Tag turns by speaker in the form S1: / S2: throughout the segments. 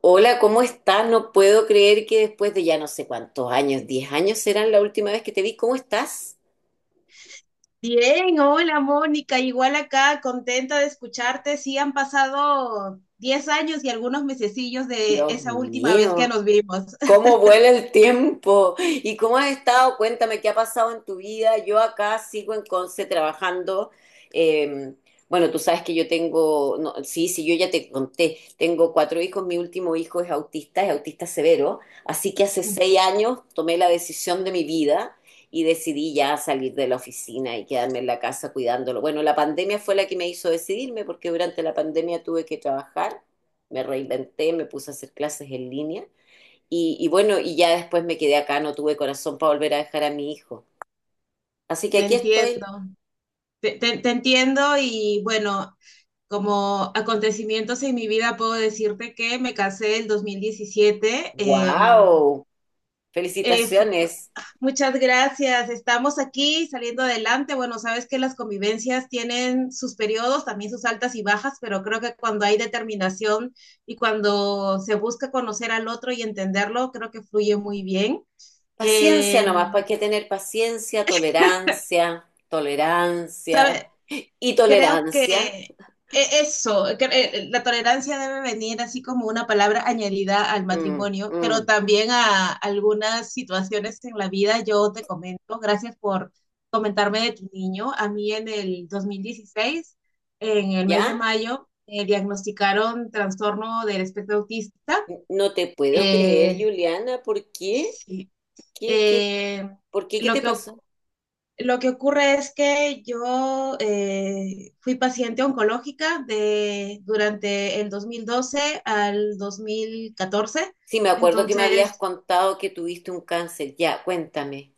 S1: Hola, ¿cómo estás? No puedo creer que después de ya no sé cuántos años, 10 años serán la última vez que te vi. ¿Cómo estás?
S2: Bien, hola Mónica, igual acá, contenta de escucharte. Sí, han pasado 10 años y algunos mesecillos de
S1: Dios
S2: esa última vez que
S1: mío.
S2: nos vimos.
S1: ¿Cómo vuela el tiempo? ¿Y cómo has estado? Cuéntame qué ha pasado en tu vida. Yo acá sigo en Conce trabajando. Eh, bueno, tú sabes que yo tengo, no, sí, sí, yo ya te conté, tengo cuatro hijos, mi último hijo es autista severo, así que hace seis años tomé la decisión de mi vida y decidí ya salir de la oficina y quedarme en la casa cuidándolo. Bueno, la pandemia fue la que me hizo decidirme porque durante la pandemia tuve que trabajar, me reinventé, me puse a hacer clases en línea. Y bueno, y ya después me quedé acá, no tuve corazón para volver a dejar a mi hijo. Así que
S2: Te
S1: aquí estoy.
S2: entiendo, te entiendo y bueno, como acontecimientos en mi vida puedo decirte que me casé el 2017.
S1: ¡Wow!
S2: Eh, fu-
S1: Felicitaciones.
S2: Muchas gracias. Estamos aquí saliendo adelante. Bueno, sabes que las convivencias tienen sus periodos, también sus altas y bajas, pero creo que cuando hay determinación y cuando se busca conocer al otro y entenderlo, creo que fluye muy bien.
S1: Paciencia
S2: Eh,
S1: nomás, para que tener paciencia, tolerancia, tolerancia y
S2: Creo que
S1: tolerancia.
S2: eso, que, la tolerancia debe venir así como una palabra añadida al
S1: Mm,
S2: matrimonio, pero
S1: mm.
S2: también a algunas situaciones en la vida. Yo te comento, gracias por comentarme de tu niño. A mí en el 2016 en el mes de
S1: ¿Ya?
S2: mayo, me diagnosticaron trastorno del espectro autista.
S1: No te puedo creer,
S2: Eh,
S1: Juliana, ¿por qué?
S2: sí,
S1: ¿Qué, qué,
S2: eh,
S1: por qué? ¿Qué
S2: lo
S1: te
S2: que,
S1: pasó?
S2: lo que ocurre es que yo fui paciente oncológica de, durante el 2012 al 2014.
S1: Sí, me acuerdo que me habías
S2: Entonces,
S1: contado que tuviste un cáncer. Ya, cuéntame.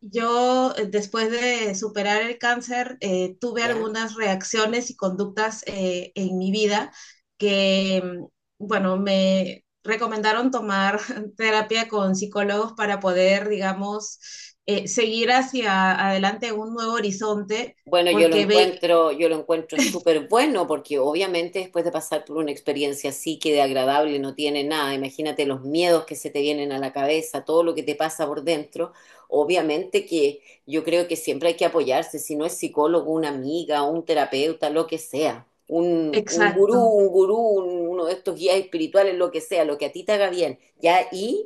S2: yo después de superar el cáncer, tuve
S1: ¿Ya?
S2: algunas reacciones y conductas en mi vida que, bueno, me recomendaron tomar terapia con psicólogos para poder, digamos, seguir hacia adelante un nuevo horizonte,
S1: Bueno, yo lo
S2: porque ve-
S1: encuentro, yo lo encuentro súper bueno porque obviamente después de pasar por una experiencia así que de agradable no tiene nada, imagínate los miedos que se te vienen a la cabeza, todo lo que te pasa por dentro, obviamente que yo creo que siempre hay que apoyarse, si no es psicólogo, una amiga, un terapeuta, lo que sea, un gurú,
S2: Exacto.
S1: uno de estos guías espirituales, lo que sea, lo que a ti te haga bien. Ya, y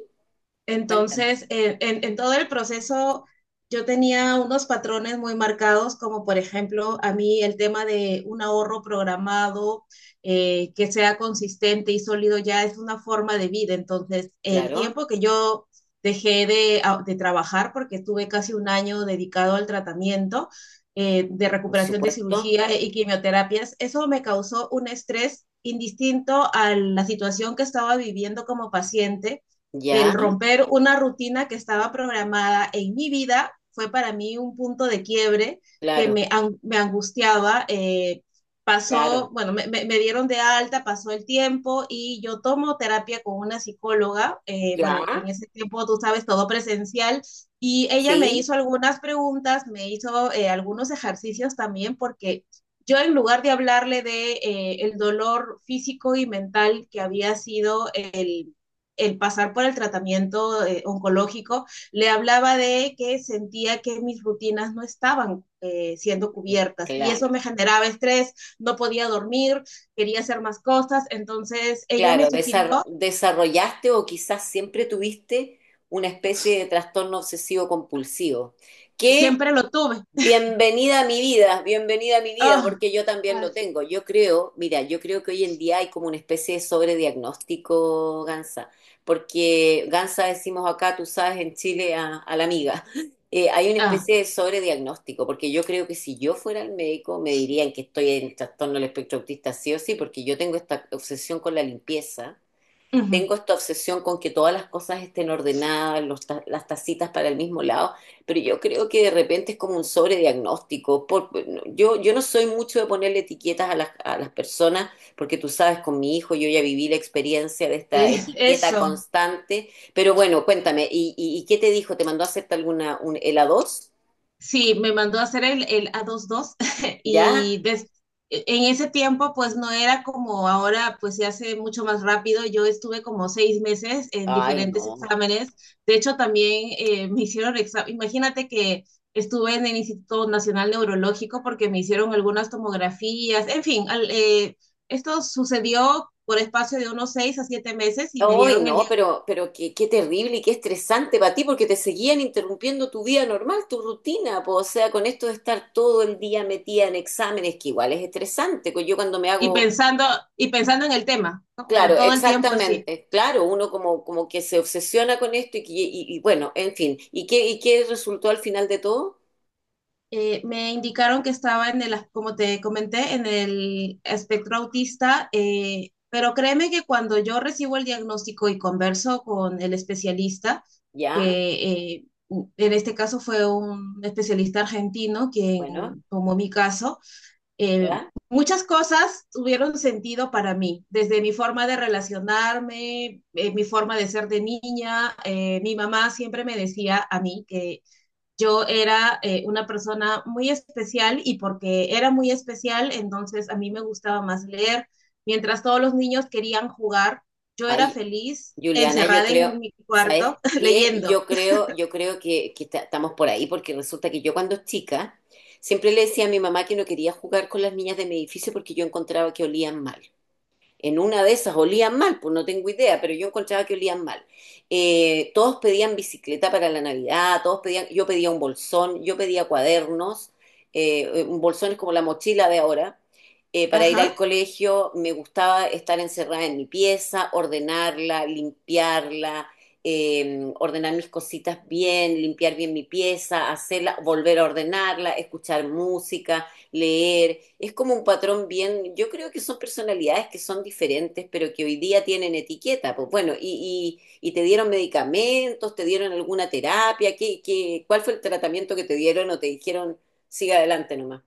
S1: cuéntame,
S2: Entonces, en todo el proceso yo tenía unos patrones muy marcados, como por ejemplo, a mí el tema de un ahorro programado que sea consistente y sólido ya es una forma de vida. Entonces, el
S1: claro,
S2: tiempo que yo dejé de, de trabajar, porque tuve casi un año dedicado al tratamiento de
S1: por
S2: recuperación de
S1: supuesto,
S2: cirugía y quimioterapias, eso me causó un estrés indistinto a la situación que estaba viviendo como paciente. El
S1: ya,
S2: romper una rutina que estaba programada en mi vida fue para mí un punto de quiebre que
S1: claro,
S2: me, me angustiaba.
S1: claro,
S2: Pasó, bueno, me dieron de alta, pasó el tiempo y yo tomo terapia con una psicóloga.
S1: ya,
S2: Bueno, en ese tiempo, tú sabes, todo presencial. Y ella me
S1: sí.
S2: hizo algunas preguntas, me hizo algunos ejercicios también porque yo en lugar de hablarle de el dolor físico y mental que había sido el pasar por el tratamiento oncológico, le hablaba de que sentía que mis rutinas no estaban siendo cubiertas y eso
S1: Claro,
S2: me generaba estrés, no podía dormir, quería hacer más cosas, entonces ella
S1: claro,
S2: me sugirió.
S1: desarrollaste o quizás siempre tuviste una especie de trastorno obsesivo compulsivo, que.
S2: Siempre lo tuve.
S1: Bienvenida a mi vida, bienvenida a mi vida,
S2: Oh,
S1: porque yo también lo tengo. Yo creo, mira, yo creo que hoy en día hay como una especie de sobrediagnóstico, Gansa, porque Gansa decimos acá, tú sabes, en Chile a la amiga. Hay una
S2: oh,
S1: especie de sobrediagnóstico, porque yo creo que si yo fuera el médico me dirían que estoy en trastorno del espectro autista sí o sí, porque yo tengo esta obsesión con la limpieza,
S2: uh -huh.
S1: tengo esta obsesión con que todas las cosas estén ordenadas, las tacitas para el mismo lado, pero yo creo que de repente es como un sobrediagnóstico. No, yo no soy mucho de ponerle etiquetas a las personas, porque tú sabes, con mi hijo yo ya viví la experiencia de esta
S2: es,
S1: etiqueta
S2: eso,
S1: constante. Pero bueno, cuéntame, ¿Y qué te dijo? ¿Te mandó a hacerte el a dos?
S2: Sí, me mandó a hacer el A22
S1: ¿Ya?
S2: y des- en ese tiempo pues no era como ahora, pues se hace mucho más rápido. Yo estuve como 6 meses en
S1: Ay,
S2: diferentes
S1: no.
S2: exámenes. De hecho, también me hicieron examen. Imagínate que estuve en el Instituto Nacional Neurológico porque me hicieron algunas tomografías. En fin, esto sucedió por espacio de unos 6 a 7 meses y me
S1: Hoy
S2: dieron el...
S1: no,
S2: dia-
S1: pero qué, terrible y qué estresante para ti, porque te seguían interrumpiendo tu vida normal, tu rutina, po. O sea, con esto de estar todo el día metida en exámenes, que igual es estresante, pues yo cuando me
S2: Y
S1: hago,
S2: pensando, y pensando en el tema, ¿no? O sea,
S1: claro,
S2: todo el tiempo así.
S1: exactamente, claro, uno como que se obsesiona con esto y bueno, en fin, ¿y qué resultó al final de todo?
S2: Me indicaron que estaba en el, como te comenté, en el espectro autista, pero créeme que cuando yo recibo el diagnóstico y converso con el especialista,
S1: Ya,
S2: que en este caso fue un especialista argentino quien
S1: bueno,
S2: tomó mi caso, eh,
S1: ya,
S2: muchas cosas tuvieron sentido para mí, desde mi forma de relacionarme, mi forma de ser de niña. Mi mamá siempre me decía a mí que yo era una persona muy especial y porque era muy especial, entonces a mí me gustaba más leer. Mientras todos los niños querían jugar, yo era
S1: ahí.
S2: feliz
S1: Juliana, yo
S2: encerrada
S1: creo,
S2: en mi
S1: ¿sabes
S2: cuarto
S1: qué?
S2: leyendo.
S1: Yo creo que estamos por ahí porque resulta que yo cuando chica siempre le decía a mi mamá que no quería jugar con las niñas de mi edificio porque yo encontraba que olían mal, en una de esas olían mal, pues no tengo idea, pero yo encontraba que olían mal. Todos pedían bicicleta para la Navidad, todos pedían, yo pedía un bolsón, yo pedía cuadernos. Un bolsón es como la mochila de ahora, para ir al
S2: Ajá.
S1: colegio. Me gustaba estar encerrada en mi pieza, ordenarla, limpiarla, ordenar mis cositas bien, limpiar bien mi pieza, hacerla, volver a ordenarla, escuchar música, leer. Es como un patrón, bien, yo creo que son personalidades que son diferentes, pero que hoy día tienen etiqueta. Pues bueno, y te dieron medicamentos, te dieron alguna terapia, ¿ cuál fue el tratamiento que te dieron, o te dijeron, siga adelante nomás?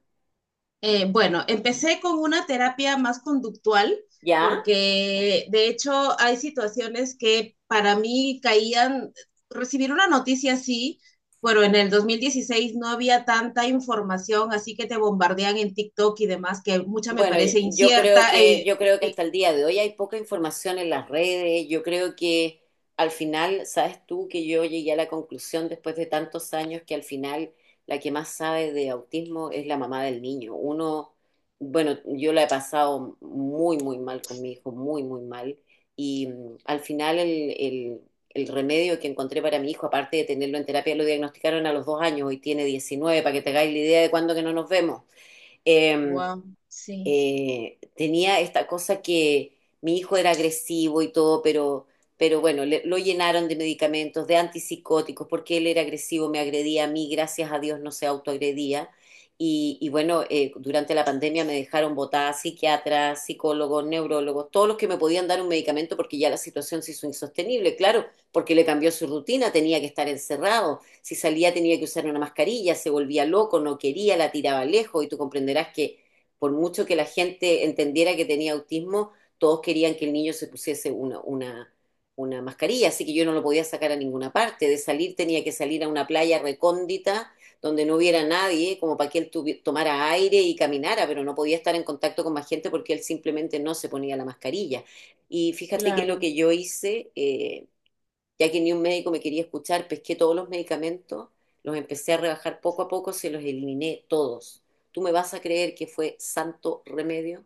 S2: Bueno, empecé con una terapia más conductual
S1: ¿Ya?
S2: porque de hecho hay situaciones que para mí caían, recibir una noticia así, bueno, en el 2016 no había tanta información, así que te bombardean en TikTok y demás, que mucha me
S1: Bueno,
S2: parece
S1: yo creo
S2: incierta.
S1: que, yo creo que
S2: Y,
S1: hasta el día de hoy hay poca información en las redes. Yo creo que al final, sabes tú que yo llegué a la conclusión después de tantos años que al final la que más sabe de autismo es la mamá del niño. Uno, bueno, yo la he pasado muy, muy mal con mi hijo, muy, muy mal. Y al final el remedio que encontré para mi hijo, aparte de tenerlo en terapia, lo diagnosticaron a los 2 años, hoy tiene 19 para que te hagáis la idea de cuándo que no nos vemos. Em,
S2: wow, sí,
S1: tenía esta cosa que mi hijo era agresivo y todo, pero bueno, lo llenaron de medicamentos, de antipsicóticos, porque él era agresivo, me agredía a mí, gracias a Dios no se autoagredía. Y bueno, durante la pandemia me dejaron botada psiquiatras, psicólogos, neurólogos, todos los que me podían dar un medicamento porque ya la situación se hizo insostenible, claro, porque le cambió su rutina, tenía que estar encerrado, si salía tenía que usar una mascarilla, se volvía loco, no quería, la tiraba lejos, y tú comprenderás que por mucho que la gente entendiera que tenía autismo, todos querían que el niño se pusiese una mascarilla, así que yo no lo podía sacar a ninguna parte. De salir tenía que salir a una playa recóndita donde no hubiera nadie, como para que él tomara aire y caminara, pero no podía estar en contacto con más gente porque él simplemente no se ponía la mascarilla. Y fíjate que lo
S2: claro.
S1: que yo hice, ya que ni un médico me quería escuchar, pesqué todos los medicamentos, los empecé a rebajar poco a poco, se los eliminé todos. ¿Tú me vas a creer que fue santo remedio?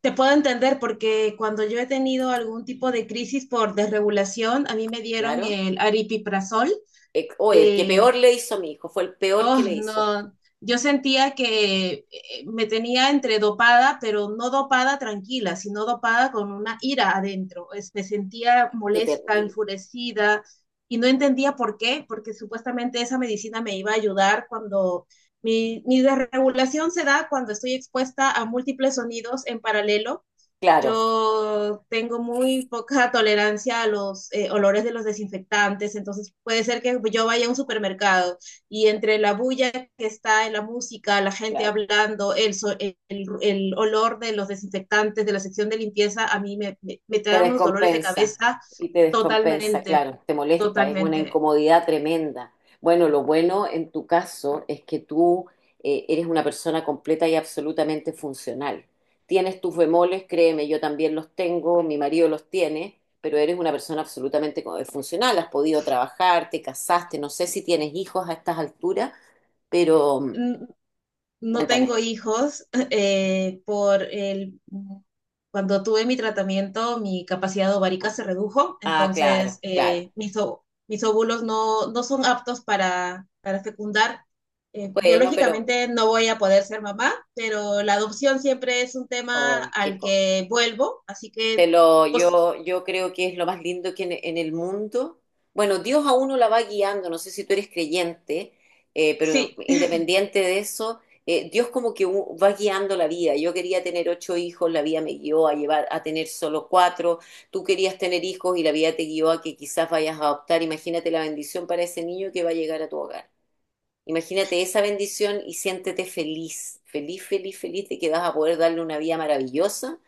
S2: Te puedo entender porque cuando yo he tenido algún tipo de crisis por desregulación, a mí me dieron
S1: Claro.
S2: el aripiprazol.
S1: O el que
S2: eh,
S1: peor le hizo a mi hijo, fue el peor
S2: Oh,
S1: que le hizo.
S2: no, yo sentía que me tenía entre dopada, pero no dopada tranquila, sino dopada con una ira adentro. Me sentía
S1: Qué
S2: molesta,
S1: terrible.
S2: enfurecida y no entendía por qué, porque supuestamente esa medicina me iba a ayudar cuando mi desregulación se da cuando estoy expuesta a múltiples sonidos en paralelo.
S1: Claro,
S2: Yo tengo muy poca tolerancia a los olores de los desinfectantes, entonces puede ser que yo vaya a un supermercado y entre la bulla que está en la música, la gente
S1: claro.
S2: hablando, el olor de los desinfectantes de la sección de limpieza, a mí me
S1: Te
S2: trae unos dolores de
S1: descompensa
S2: cabeza.
S1: y te descompensa,
S2: Totalmente,
S1: claro, te molesta, es una
S2: totalmente.
S1: incomodidad tremenda. Bueno, lo bueno en tu caso es que tú eres una persona completa y absolutamente funcional. Tienes tus bemoles, créeme, yo también los tengo, mi marido los tiene, pero eres una persona absolutamente funcional, has podido trabajar, te casaste, no sé si tienes hijos a estas alturas, pero
S2: Mm, no
S1: cuéntame.
S2: tengo hijos. Cuando tuve mi tratamiento, mi capacidad ovárica se redujo,
S1: Ah,
S2: entonces
S1: claro, claro.
S2: mis óvulos no son aptos para fecundar.
S1: Bueno, pero,
S2: Biológicamente no voy a poder ser mamá, pero la adopción siempre es un tema
S1: ay, qué
S2: al
S1: co-
S2: que vuelvo, así
S1: Te
S2: que,
S1: lo,
S2: pues
S1: yo creo que es lo más lindo que en el mundo. Bueno, Dios a uno la va guiando, no sé si tú eres creyente, pero
S2: sí.
S1: independiente de eso, Dios como que va guiando la vida. Yo quería tener ocho hijos, la vida me guió a llevar a tener solo cuatro. Tú querías tener hijos y la vida te guió a que quizás vayas a adoptar. Imagínate la bendición para ese niño que va a llegar a tu hogar. Imagínate esa bendición y siéntete feliz, feliz, feliz, feliz de que vas a poder darle una vida maravillosa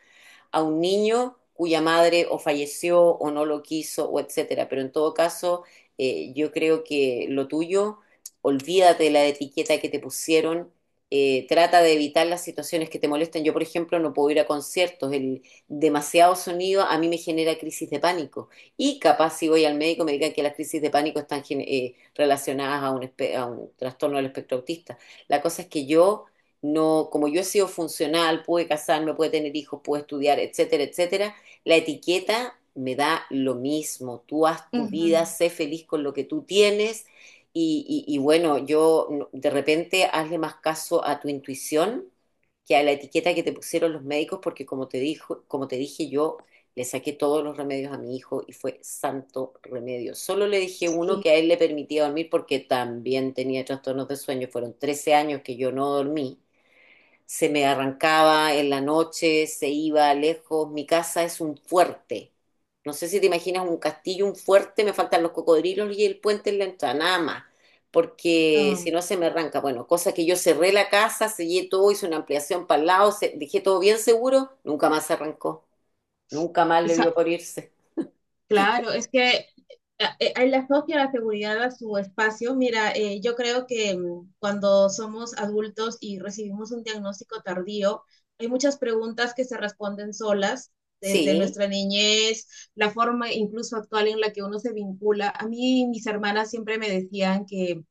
S1: a un niño cuya madre o falleció o no lo quiso o etcétera. Pero en todo caso, yo creo que lo tuyo, olvídate de la etiqueta que te pusieron, trata de evitar las situaciones que te molestan. Yo, por ejemplo, no puedo ir a conciertos, el demasiado sonido a mí me genera crisis de pánico. Y capaz si voy al médico me digan que las crisis de pánico están relacionadas a a un trastorno del espectro autista. La cosa es que yo no, como yo he sido funcional, pude casarme, pude tener hijos, pude estudiar, etcétera, etcétera, la etiqueta me da lo mismo. Tú haz tu
S2: Ujú.
S1: vida, sé feliz con lo que tú tienes y bueno, yo no- de repente hazle más caso a tu intuición que a la etiqueta que te pusieron los médicos, porque como te dijo, como te dije yo, le saqué todos los remedios a mi hijo y fue santo remedio. Solo le dije uno
S2: Sí,
S1: que a él le permitía dormir porque también tenía trastornos de sueño. Fueron 13 años que yo no dormí. Se me arrancaba en la noche, se iba lejos. Mi casa es un fuerte. No sé si te imaginas un castillo, un fuerte, me faltan los cocodrilos y el puente en la entrada, nada más. Porque
S2: no.
S1: si no se me arranca. Bueno, cosa que yo cerré la casa, sellé todo, hice una ampliación para el lado, dejé todo bien seguro, nunca más se arrancó. Nunca más le dio
S2: esa-
S1: por irse.
S2: Claro, es que él asocia la seguridad a su espacio. Mira, yo creo que cuando somos adultos y recibimos un diagnóstico tardío, hay muchas preguntas que se responden solas desde
S1: Sí,
S2: nuestra niñez, la forma incluso actual en la que uno se vincula. A mí mis hermanas siempre me decían que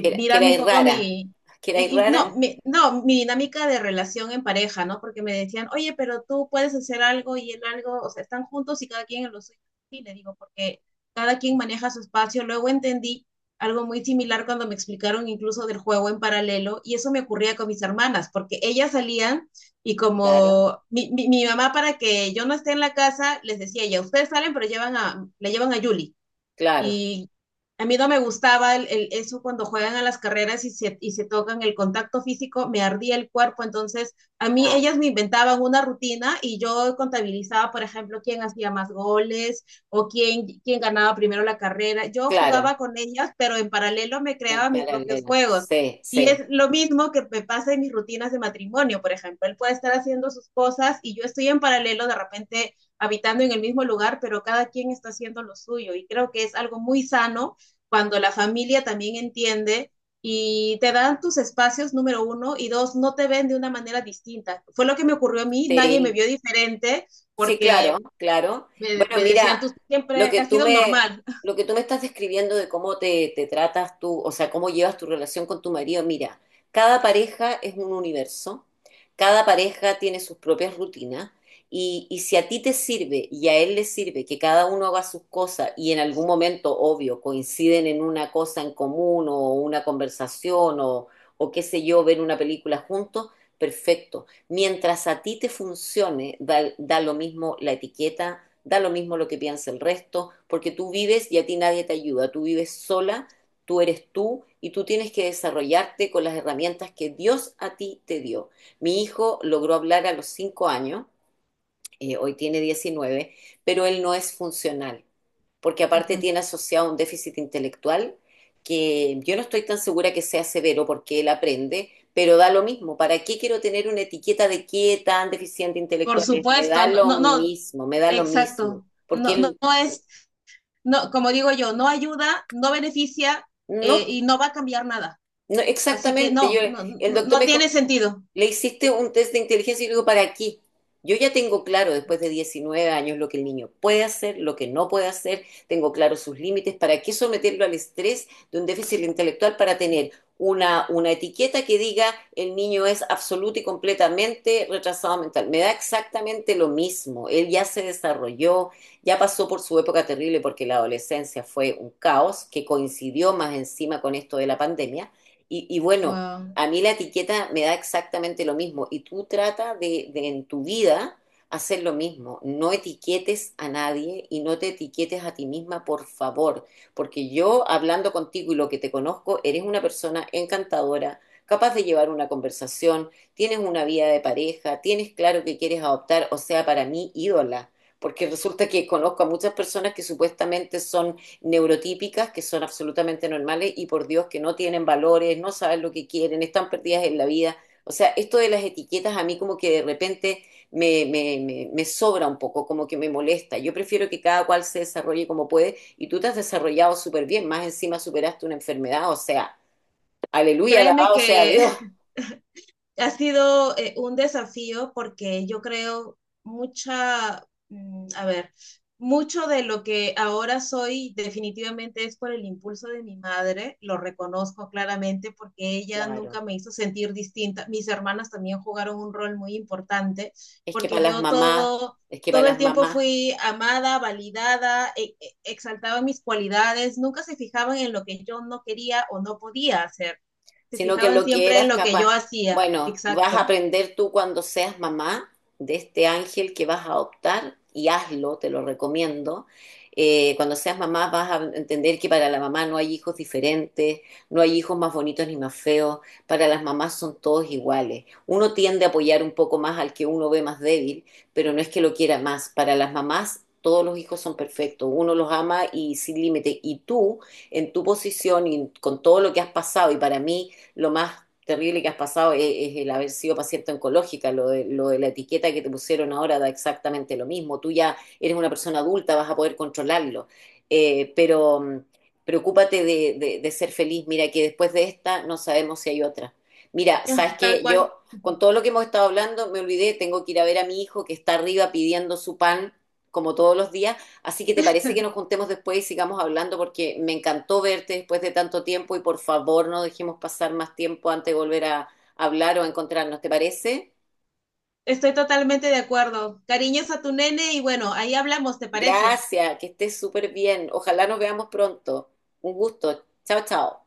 S1: que era, que era
S2: mirando un poco
S1: rara.
S2: mi,
S1: Que era
S2: y
S1: rara,
S2: no, mi, no, mi dinámica de relación en pareja, ¿no? Porque me decían, oye, pero tú puedes hacer algo y él algo, o sea, están juntos y cada quien en lo suyo. Y le digo, porque cada quien maneja su espacio. Luego entendí algo muy similar cuando me explicaron incluso del juego en paralelo, y eso me ocurría con mis hermanas, porque ellas salían y
S1: claro,
S2: como mi mamá para que yo no esté en la casa, les decía, ya ustedes salen, pero la llevan a Yuli.
S1: claro.
S2: Y a mí no me gustaba el- eso cuando juegan a las carreras y se tocan el contacto físico, me ardía el cuerpo. Entonces, a mí
S1: Ah,
S2: ellas me inventaban una rutina y yo contabilizaba, por ejemplo, quién hacía más goles o quién ganaba primero la carrera. Yo
S1: claro,
S2: jugaba con ellas, pero en paralelo me
S1: en
S2: creaba mis propios
S1: paralela.
S2: juegos.
S1: Sí,
S2: Y es
S1: sí.
S2: lo mismo que me pasa en mis rutinas de matrimonio, por ejemplo. Él puede estar haciendo sus cosas y yo estoy en paralelo de repente habitando en el mismo lugar, pero cada quien está haciendo lo suyo. Y creo que es algo muy sano cuando la familia también entiende y te dan tus espacios, número uno, y dos, no te ven de una manera distinta. Fue lo que me ocurrió a mí, nadie me
S1: Sí,
S2: vio diferente
S1: Sí, claro,
S2: porque
S1: claro.
S2: me,
S1: Bueno,
S2: me
S1: mira,
S2: decían, tú
S1: lo
S2: siempre
S1: que
S2: has
S1: tú
S2: sido
S1: me,
S2: normal.
S1: lo que tú me estás describiendo de cómo te tratas tú, o sea, cómo llevas tu relación con tu marido, mira, cada pareja es un universo, cada pareja tiene sus propias rutinas, y si a ti te sirve y a él le sirve que cada uno haga sus cosas y en algún momento, obvio, coinciden en una cosa en común o una conversación o qué sé yo, ver una película juntos, perfecto. Mientras a ti te funcione, da lo mismo la etiqueta, da lo mismo lo que piensa el resto, porque tú vives y a ti nadie te ayuda, tú vives sola, tú eres tú y tú tienes que desarrollarte con las herramientas que Dios a ti te dio. Mi hijo logró hablar a los 5 años, hoy tiene 19, pero él no es funcional, porque
S2: Uh
S1: aparte
S2: -huh.
S1: tiene asociado un déficit intelectual que yo no estoy tan segura que sea severo porque él aprende, pero da lo mismo. ¿Para qué quiero tener una etiqueta de qué tan deficiente
S2: Por
S1: intelectual es? Me da
S2: supuesto, no,
S1: lo
S2: no, no,
S1: mismo, me da lo mismo,
S2: exacto.
S1: porque
S2: No, no,
S1: él
S2: no, no, como digo yo, no ayuda, no beneficia
S1: no,
S2: y no va a cambiar nada.
S1: no
S2: Así que
S1: exactamente, yo,
S2: no, no,
S1: el
S2: no,
S1: doctor
S2: no
S1: me dijo,
S2: tiene sentido.
S1: le hiciste un test de inteligencia y le digo, ¿para qué? Yo ya tengo claro después de 19 años lo que el niño puede hacer, lo que no puede hacer, tengo claro sus límites, ¿para qué someterlo al estrés de un déficit intelectual para tener una etiqueta que diga el niño es absoluto y completamente retrasado mental? Me da exactamente lo mismo, él ya se desarrolló, ya pasó por su época terrible porque la adolescencia fue un caos que coincidió más encima con esto de la pandemia. Y bueno,
S2: Wow.
S1: a mí la etiqueta me da exactamente lo mismo y tú trata de en tu vida hacer lo mismo. No etiquetes a nadie y no te etiquetes a ti misma, por favor, porque yo hablando contigo y lo que te conozco, eres una persona encantadora, capaz de llevar una conversación, tienes una vida de pareja, tienes claro que quieres adoptar, o sea, para mí ídola, porque resulta que conozco a muchas personas que supuestamente son neurotípicas que son absolutamente normales y por Dios que no tienen valores, no saben lo que quieren, están perdidas en la vida. O sea, esto de las etiquetas a mí como que de repente me sobra un poco, como que me molesta. Yo prefiero que cada cual se desarrolle como puede y tú te has desarrollado súper bien, más encima superaste una enfermedad, o sea, aleluya,
S2: Créeme
S1: alabado sea
S2: que
S1: Dios.
S2: ha sido un desafío porque yo creo a ver, mucho de lo que ahora soy definitivamente es por el impulso de mi madre, lo reconozco claramente porque ella
S1: Claro,
S2: nunca me hizo sentir distinta. Mis hermanas también jugaron un rol muy importante
S1: es que
S2: porque
S1: para las
S2: yo
S1: mamás,
S2: todo
S1: es que para
S2: todo el
S1: las
S2: tiempo
S1: mamás
S2: fui amada, validada, exaltaba mis cualidades, nunca se fijaban en lo que yo no quería o no podía hacer. Se
S1: sino que
S2: fijaban
S1: lo que
S2: siempre en
S1: eras
S2: lo que
S1: capaz,
S2: yo hacía.
S1: bueno, vas a
S2: Exacto.
S1: aprender tú cuando seas mamá de este ángel que vas a adoptar y hazlo, te lo recomiendo. Cuando seas mamá vas a entender que para la mamá no hay hijos diferentes, no hay hijos más bonitos ni más feos, para las mamás son todos iguales. Uno tiende a apoyar un poco más al que uno ve más débil, pero no es que lo quiera más. Para las mamás todos los hijos son perfectos, uno los ama y sin límite. Y tú, en tu posición y con todo lo que has pasado, y para mí lo más terrible que has pasado es el haber sido paciente oncológica, lo de la etiqueta que te pusieron ahora da exactamente lo mismo, tú ya eres una persona adulta, vas a poder controlarlo, eh, pero mm, preocúpate de ser feliz, mira que después de esta no sabemos si hay otra. Mira,
S2: Ya,
S1: sabes
S2: tal
S1: que
S2: cual.
S1: yo con todo lo que hemos estado hablando, me olvidé, tengo que ir a ver a mi hijo que está arriba pidiendo su pan como todos los días. Así que te parece que nos juntemos después y sigamos hablando porque me encantó verte después de tanto tiempo y por favor no dejemos pasar más tiempo antes de volver a hablar o a encontrarnos. ¿Te parece?
S2: Estoy totalmente de acuerdo. Cariños a tu nene y bueno, ahí hablamos, ¿te parece?
S1: Gracias, que estés súper bien. Ojalá nos veamos pronto. Un gusto. Chao, chao.